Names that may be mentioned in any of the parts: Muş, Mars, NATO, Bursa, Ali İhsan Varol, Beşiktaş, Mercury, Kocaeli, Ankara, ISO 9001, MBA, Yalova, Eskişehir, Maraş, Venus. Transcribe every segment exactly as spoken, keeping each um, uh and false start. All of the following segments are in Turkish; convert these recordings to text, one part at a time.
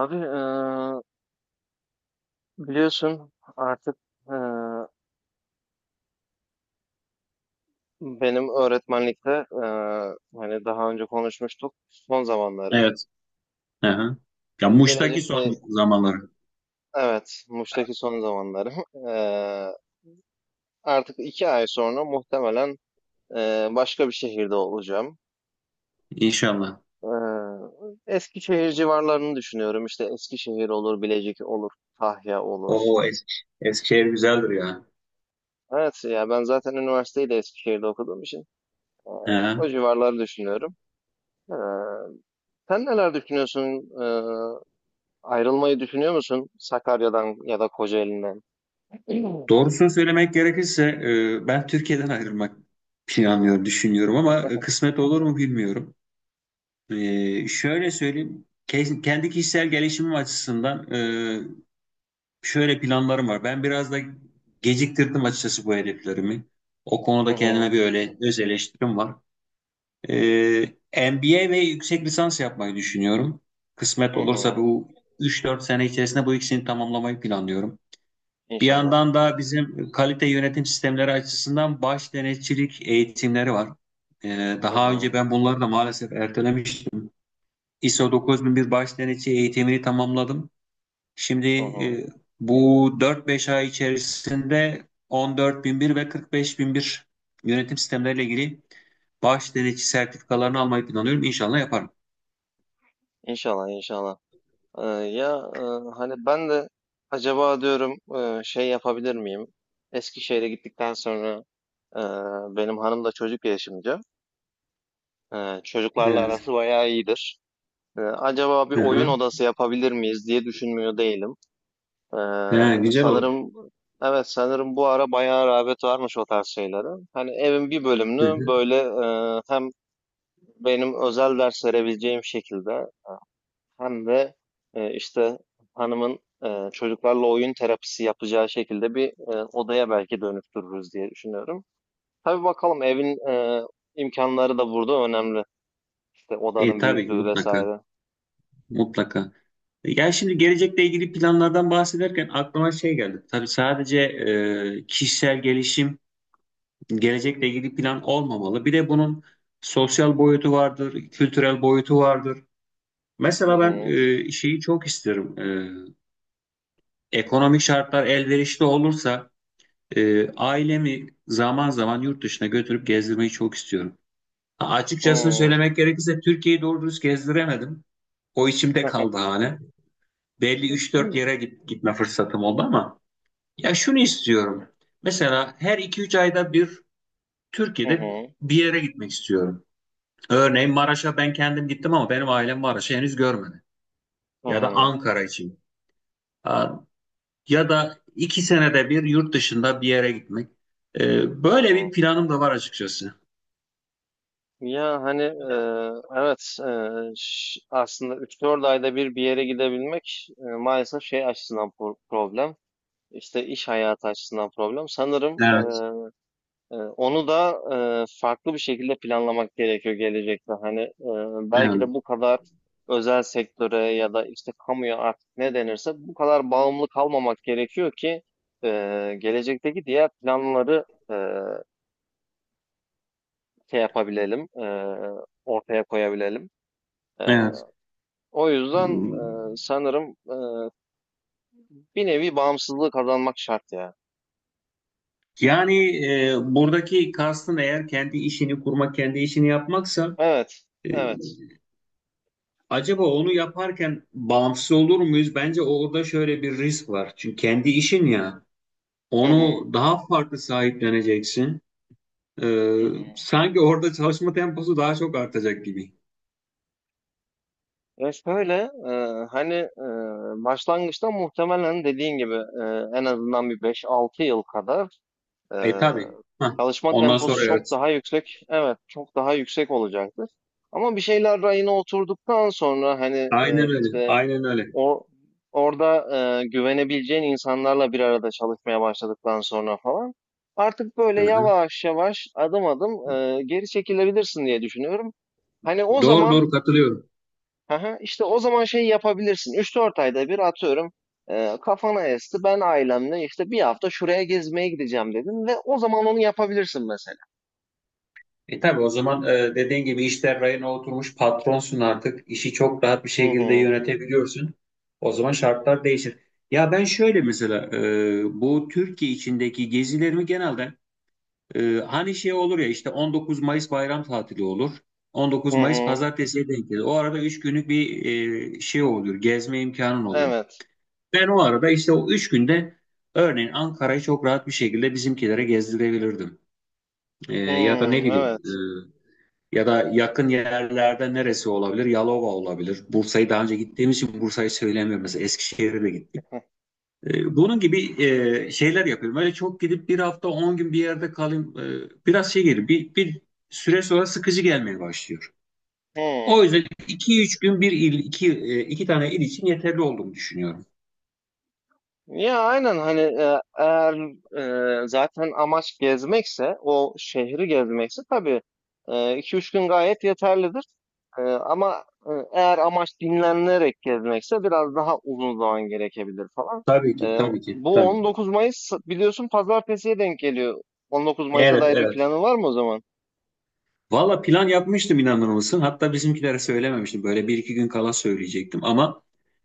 Abi, eee, biliyorsun artık, eee, benim öğretmenlikte, eee, hani daha önce konuşmuştuk, son zamanlarım. Evet. Aha. Ya Muş'taki Gelecekle, son zamanları. evet, Muş'taki son zamanlarım. Eee, artık iki ay sonra muhtemelen eee, başka bir şehirde olacağım. İnşallah. Eee Eskişehir civarlarını düşünüyorum. İşte Eskişehir olur, Bilecik olur, Tahya olur. O eski, Eskişehir güzeldir ya. Evet ya, ben zaten üniversiteyi de Eskişehir'de okuduğum için eee, Aha. o civarları düşünüyorum. Eee, Sen neler düşünüyorsun? Ee, ayrılmayı düşünüyor musun Sakarya'dan ya da Kocaeli'nden? Doğrusunu söylemek gerekirse e, ben Türkiye'den ayrılmak planlıyorum, düşünüyorum ama e, kısmet olur mu bilmiyorum. E, şöyle söyleyeyim. Ke- Kendi kişisel gelişimim açısından e, şöyle planlarım var. Ben biraz da geciktirdim açıkçası bu hedeflerimi. O Hı konuda hı. kendime bir öyle öz eleştirim var. Ee, M B A ve yüksek lisans yapmayı düşünüyorum. Kısmet Hı olursa hı. bu üç dört sene içerisinde bu ikisini tamamlamayı planlıyorum. Bir İnşallah. yandan da bizim kalite yönetim sistemleri açısından baş denetçilik eğitimleri var. Ee, Hı Daha önce hı. ben bunları da maalesef ertelemiştim. ISO dokuz bin bir baş denetçi eğitimini tamamladım. Şimdi Hı hı. e, bu dört beş ay içerisinde on dört bin bir ve kırk beş bin bir yönetim sistemleriyle ilgili baş denetçi sertifikalarını almayı planlıyorum. İnşallah yaparım. İnşallah, inşallah. Ee, ya, e, hani ben de acaba diyorum, e, şey yapabilir miyim? Eskişehir'e gittikten sonra, e, benim hanım da çocuk gelişimci. E, çocuklarla Evet. arası bayağı iyidir. E, acaba bir Hı oyun hı. odası yapabilir miyiz diye düşünmüyor değilim. Ee, Ha, güzel olur. Sanırım, evet, sanırım bu ara bayağı rağbet varmış o tarz şeylere. Hani evin bir Hı bölümünü hı. böyle, e, hem benim özel ders verebileceğim şekilde, hem de e, işte hanımın e, çocuklarla oyun terapisi yapacağı şekilde bir e, odaya belki dönüştürürüz diye düşünüyorum. Tabii, bakalım, evin e, imkanları da burada önemli. İşte E, odanın tabii büyüklüğü mutlaka. vesaire. Mutlaka. Yani şimdi gelecekle ilgili planlardan bahsederken aklıma şey geldi. Tabii sadece e, kişisel gelişim gelecekle ilgili plan olmamalı. Bir de bunun sosyal boyutu vardır, kültürel boyutu vardır. Hı Mesela ben hı. e, şeyi çok isterim. E, ekonomik şartlar elverişli olursa e, ailemi zaman zaman yurt dışına götürüp gezdirmeyi çok istiyorum. Açıkçasını Hı. söylemek gerekirse Türkiye'yi doğru dürüst gezdiremedim. O içimde kaldı hani. Belli üç dört yere git, gitme fırsatım oldu ama ya şunu istiyorum. Mesela her iki üç ayda bir Hı Türkiye'de hı. bir yere gitmek istiyorum. Örneğin Maraş'a ben kendim gittim ama benim ailem Maraş'ı henüz görmedi. Hı Ya da hı. Ankara için, ya da iki senede bir yurt dışında bir yere gitmek. Ee, Hı Böyle hı. bir planım da var açıkçası. Ya, hani, eee, evet, eee, ş- aslında üç dört ayda bir bir yere gidebilmek, eee, maalesef şey açısından pro- problem. İşte iş hayatı açısından problem. Sanırım, Evet, eee, eee, onu da eee, farklı bir şekilde planlamak gerekiyor gelecekte. Hani, eee, belki de evet, bu kadar özel sektöre ya da işte kamuya, artık ne denirse, bu kadar bağımlı kalmamak gerekiyor ki eee, gelecekteki diğer planları eee, şey yapabilelim, eee, ortaya koyabilelim. evet. O yüzden, Hmm. e, sanırım, e, bir nevi bağımsızlığı kazanmak şart ya. Yani e, buradaki kastın eğer kendi işini kurmak, kendi işini yapmaksa Evet, e, evet. acaba onu yaparken bağımsız olur muyuz? Bence orada şöyle bir risk var. Çünkü kendi işin ya, Hı hı. onu daha farklı sahipleneceksin. Ee, Hı hı. Sanki orada çalışma temposu daha çok artacak gibi. Ya şöyle, e, hani, e, başlangıçta muhtemelen dediğin gibi, e, en azından bir beş altı yıl kadar e, E tabii. Hah. çalışma Ondan temposu sonra çok evet. daha yüksek. Evet, çok daha yüksek olacaktır. Ama bir şeyler rayına oturduktan sonra, hani, Aynen e, öyle. işte Aynen öyle. O orada, e, güvenebileceğin insanlarla bir arada çalışmaya başladıktan sonra falan, artık Hı böyle hı. yavaş yavaş, adım adım, e, geri çekilebilirsin diye düşünüyorum. Hani o Doğru zaman, doğru katılıyorum. aha, işte o zaman şey yapabilirsin. üç dört ayda bir, atıyorum, e, kafana esti, ben ailemle işte bir hafta şuraya gezmeye gideceğim dedim, ve o zaman onu yapabilirsin mesela. E tabii o zaman e, dediğin gibi işler rayına oturmuş patronsun artık. İşi çok rahat bir Hı şekilde hı. yönetebiliyorsun. O zaman şartlar değişir. Ya ben şöyle mesela e, bu Türkiye içindeki gezilerimi genelde, e, hani şey olur ya işte on dokuz Mayıs bayram tatili olur. Hı on dokuz Mayıs hı. pazartesiye denk gelir. O arada üç günlük bir e, şey olur. Gezme imkanın olur. Evet. Ben o arada işte o üç günde örneğin Ankara'yı çok rahat bir şekilde bizimkilere gezdirebilirdim. Ee, Hı, Ya da ne bileyim, evet. e, ya da yakın yerlerde neresi olabilir? Yalova olabilir. Bursa'yı daha önce gittiğimiz için Bursa'yı söylemiyorum. Mesela Eskişehir'e de gittik. Ee, bunun gibi e, şeyler yapıyorum. Öyle çok gidip bir hafta on gün bir yerde kalayım, e, biraz şey gelir. Bir, bir süre sonra sıkıcı gelmeye başlıyor. Hı. O yüzden iki üç gün bir il, iki, e, iki tane il için yeterli olduğunu düşünüyorum. Ya aynen. Hani, e, eğer, e, zaten amaç gezmekse, o şehri gezmekse, tabii e, iki üç gün gayet yeterlidir. E, ama e, eğer amaç dinlenerek gezmekse biraz daha uzun zaman gerekebilir falan. Tabii ki, E, tabii ki, Bu tabii ki. on dokuz Mayıs, biliyorsun, Pazartesi'ye denk geliyor. on dokuz Mayıs'a Evet, dair bir evet. planın var mı o zaman? Valla plan yapmıştım, inanır mısın? Hatta bizimkilere söylememiştim. Böyle bir iki gün kala söyleyecektim ama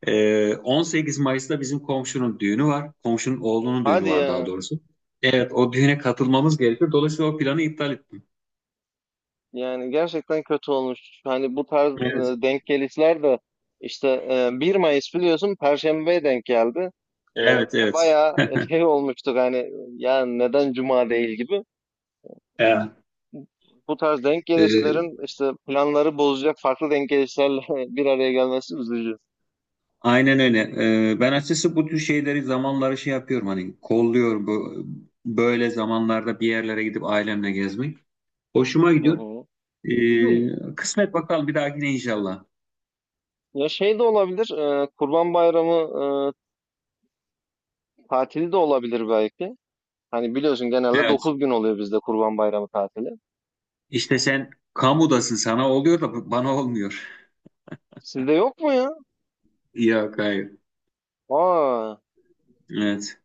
e, on sekiz Mayıs'ta bizim komşunun düğünü var. Komşunun oğlunun düğünü Hadi var daha ya. doğrusu. Evet, o düğüne katılmamız gerekiyor. Dolayısıyla o planı iptal ettim. Yani gerçekten kötü olmuş. Hani bu tarz Evet. e, denk gelişler de işte, e, bir Mayıs, biliyorsun, Perşembe'ye denk geldi. E, ve Evet, evet. bayağı şey olmuştuk, hani, ya neden Cuma değil gibi. Evet. Bu tarz denk E, gelişlerin işte planları bozacak farklı denk gelişlerle bir araya gelmesi üzücü. aynen öyle. E, ben açıkçası bu tür şeyleri, zamanları şey yapıyorum, hani kolluyorum bu, böyle zamanlarda bir yerlere gidip ailemle gezmek. Hoşuma Hı gidiyor. hı. Hı. E, kısmet bakalım bir dahakine inşallah. Ya şey de olabilir, e, Kurban Bayramı e, tatili de olabilir belki. Hani, biliyorsun, genelde Evet. dokuz gün oluyor bizde Kurban Bayramı tatili. İşte sen kamudasın, sana oluyor da bana olmuyor. Sizde yok mu ya? Yok, hayır. Aa. Evet.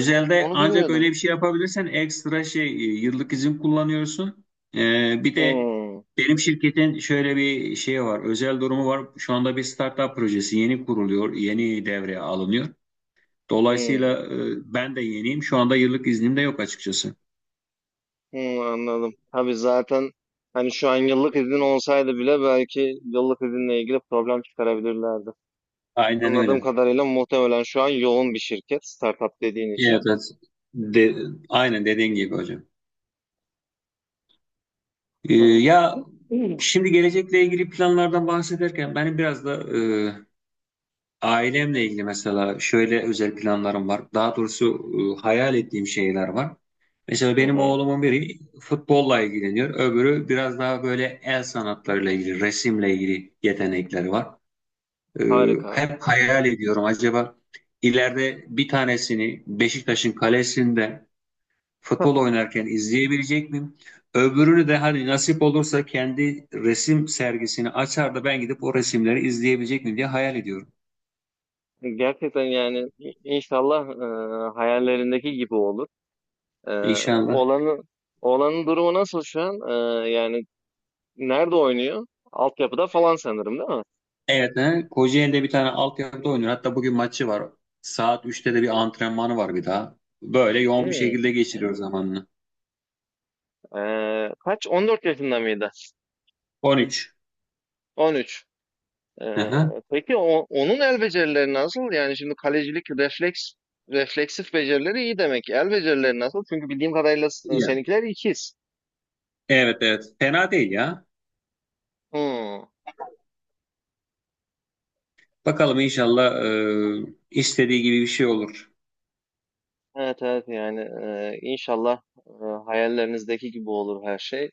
O- Onu ancak bilmiyordum. öyle bir şey yapabilirsen ekstra şey, e, yıllık izin kullanıyorsun. Ee, bir de Hmm. benim şirketin şöyle bir şey var. Özel durumu var. Şu anda bir startup projesi yeni kuruluyor. Yeni devreye alınıyor. Hmm. Dolayısıyla e, ben de yeniyim. Şu anda yıllık iznim de yok açıkçası. Hmm, anladım. Tabii, zaten, hani, şu an yıllık izin olsaydı bile belki yıllık izinle ilgili problem çıkarabilirlerdi. Aynen Anladığım öyle. kadarıyla muhtemelen şu an yoğun bir şirket, startup dediğin için. Evet, evet. De, aynen dediğin gibi hocam. Ee, Anladım. Ya şimdi gelecekle ilgili planlardan bahsederken benim biraz da e, ailemle ilgili mesela şöyle özel planlarım var. Daha doğrusu e, hayal ettiğim şeyler var. Mesela Hı benim hı, oğlumun biri futbolla ilgileniyor. Öbürü biraz daha böyle el sanatlarıyla ilgili, resimle ilgili yetenekleri var. Ee, harika. Hep hayal ediyorum, acaba ileride bir tanesini Beşiktaş'ın kalesinde futbol oynarken izleyebilecek miyim? Öbürünü de hani nasip olursa kendi resim sergisini açar da ben gidip o resimleri izleyebilecek miyim diye hayal ediyorum. Gerçekten, yani, i- inşallah e, hayallerindeki gibi olur. E, İnşallah. oğlanı, Oğlanın durumu nasıl şu an? E, yani nerede oynuyor? Altyapıda falan sanırım, değil Evet, he, Kocaeli'de bir tane altyapıda oynuyor. Hatta bugün maçı var. Saat üçte de bir antrenmanı var bir daha. Böyle yoğun bir mi? şekilde geçiriyor zamanını. Ee, kaç, on dört yaşında mıydı? On üç. on üç. Ee, Aha. peki, o- onun el becerileri nasıl? Yani şimdi kalecilik refleks refleksif becerileri iyi demek. El becerileri nasıl? Çünkü bildiğim kadarıyla s- Ya. seninkiler ikiz. Evet, evet. Fena değil ya. Hmm. Bakalım inşallah e, istediği gibi bir şey olur. Evet, evet, yani e, inşallah e, hayallerinizdeki gibi olur her şey.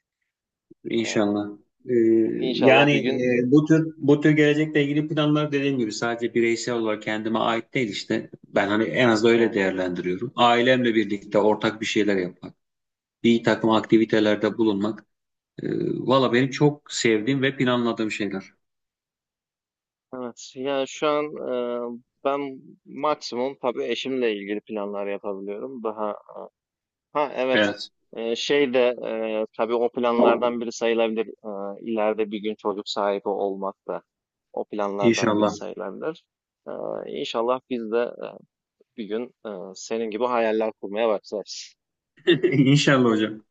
Aa, İnşallah. Ee, İnşallah Yani bir gün. e, bu tür bu tür gelecekle ilgili planlar, dediğim gibi sadece bireysel olarak kendime ait değil işte. Ben hani en az da Hı öyle hı. değerlendiriyorum. Ailemle birlikte ortak bir şeyler yapmak, bir takım Hı. aktivitelerde bulunmak. E, Valla benim çok sevdiğim ve planladığım şeyler. Evet, yani şu an e, ben maksimum tabii eşimle ilgili planlar yapabiliyorum. Daha. Ha, evet. Evet. Ee, şey de, e, tabii, o planlardan biri sayılabilir. Ee, ileride bir gün çocuk sahibi olmak da o planlardan biri İnşallah. sayılabilir. Ee, İnşallah biz de e, bir gün, e, senin gibi hayaller kurmaya başlarız. İnşallah hocam.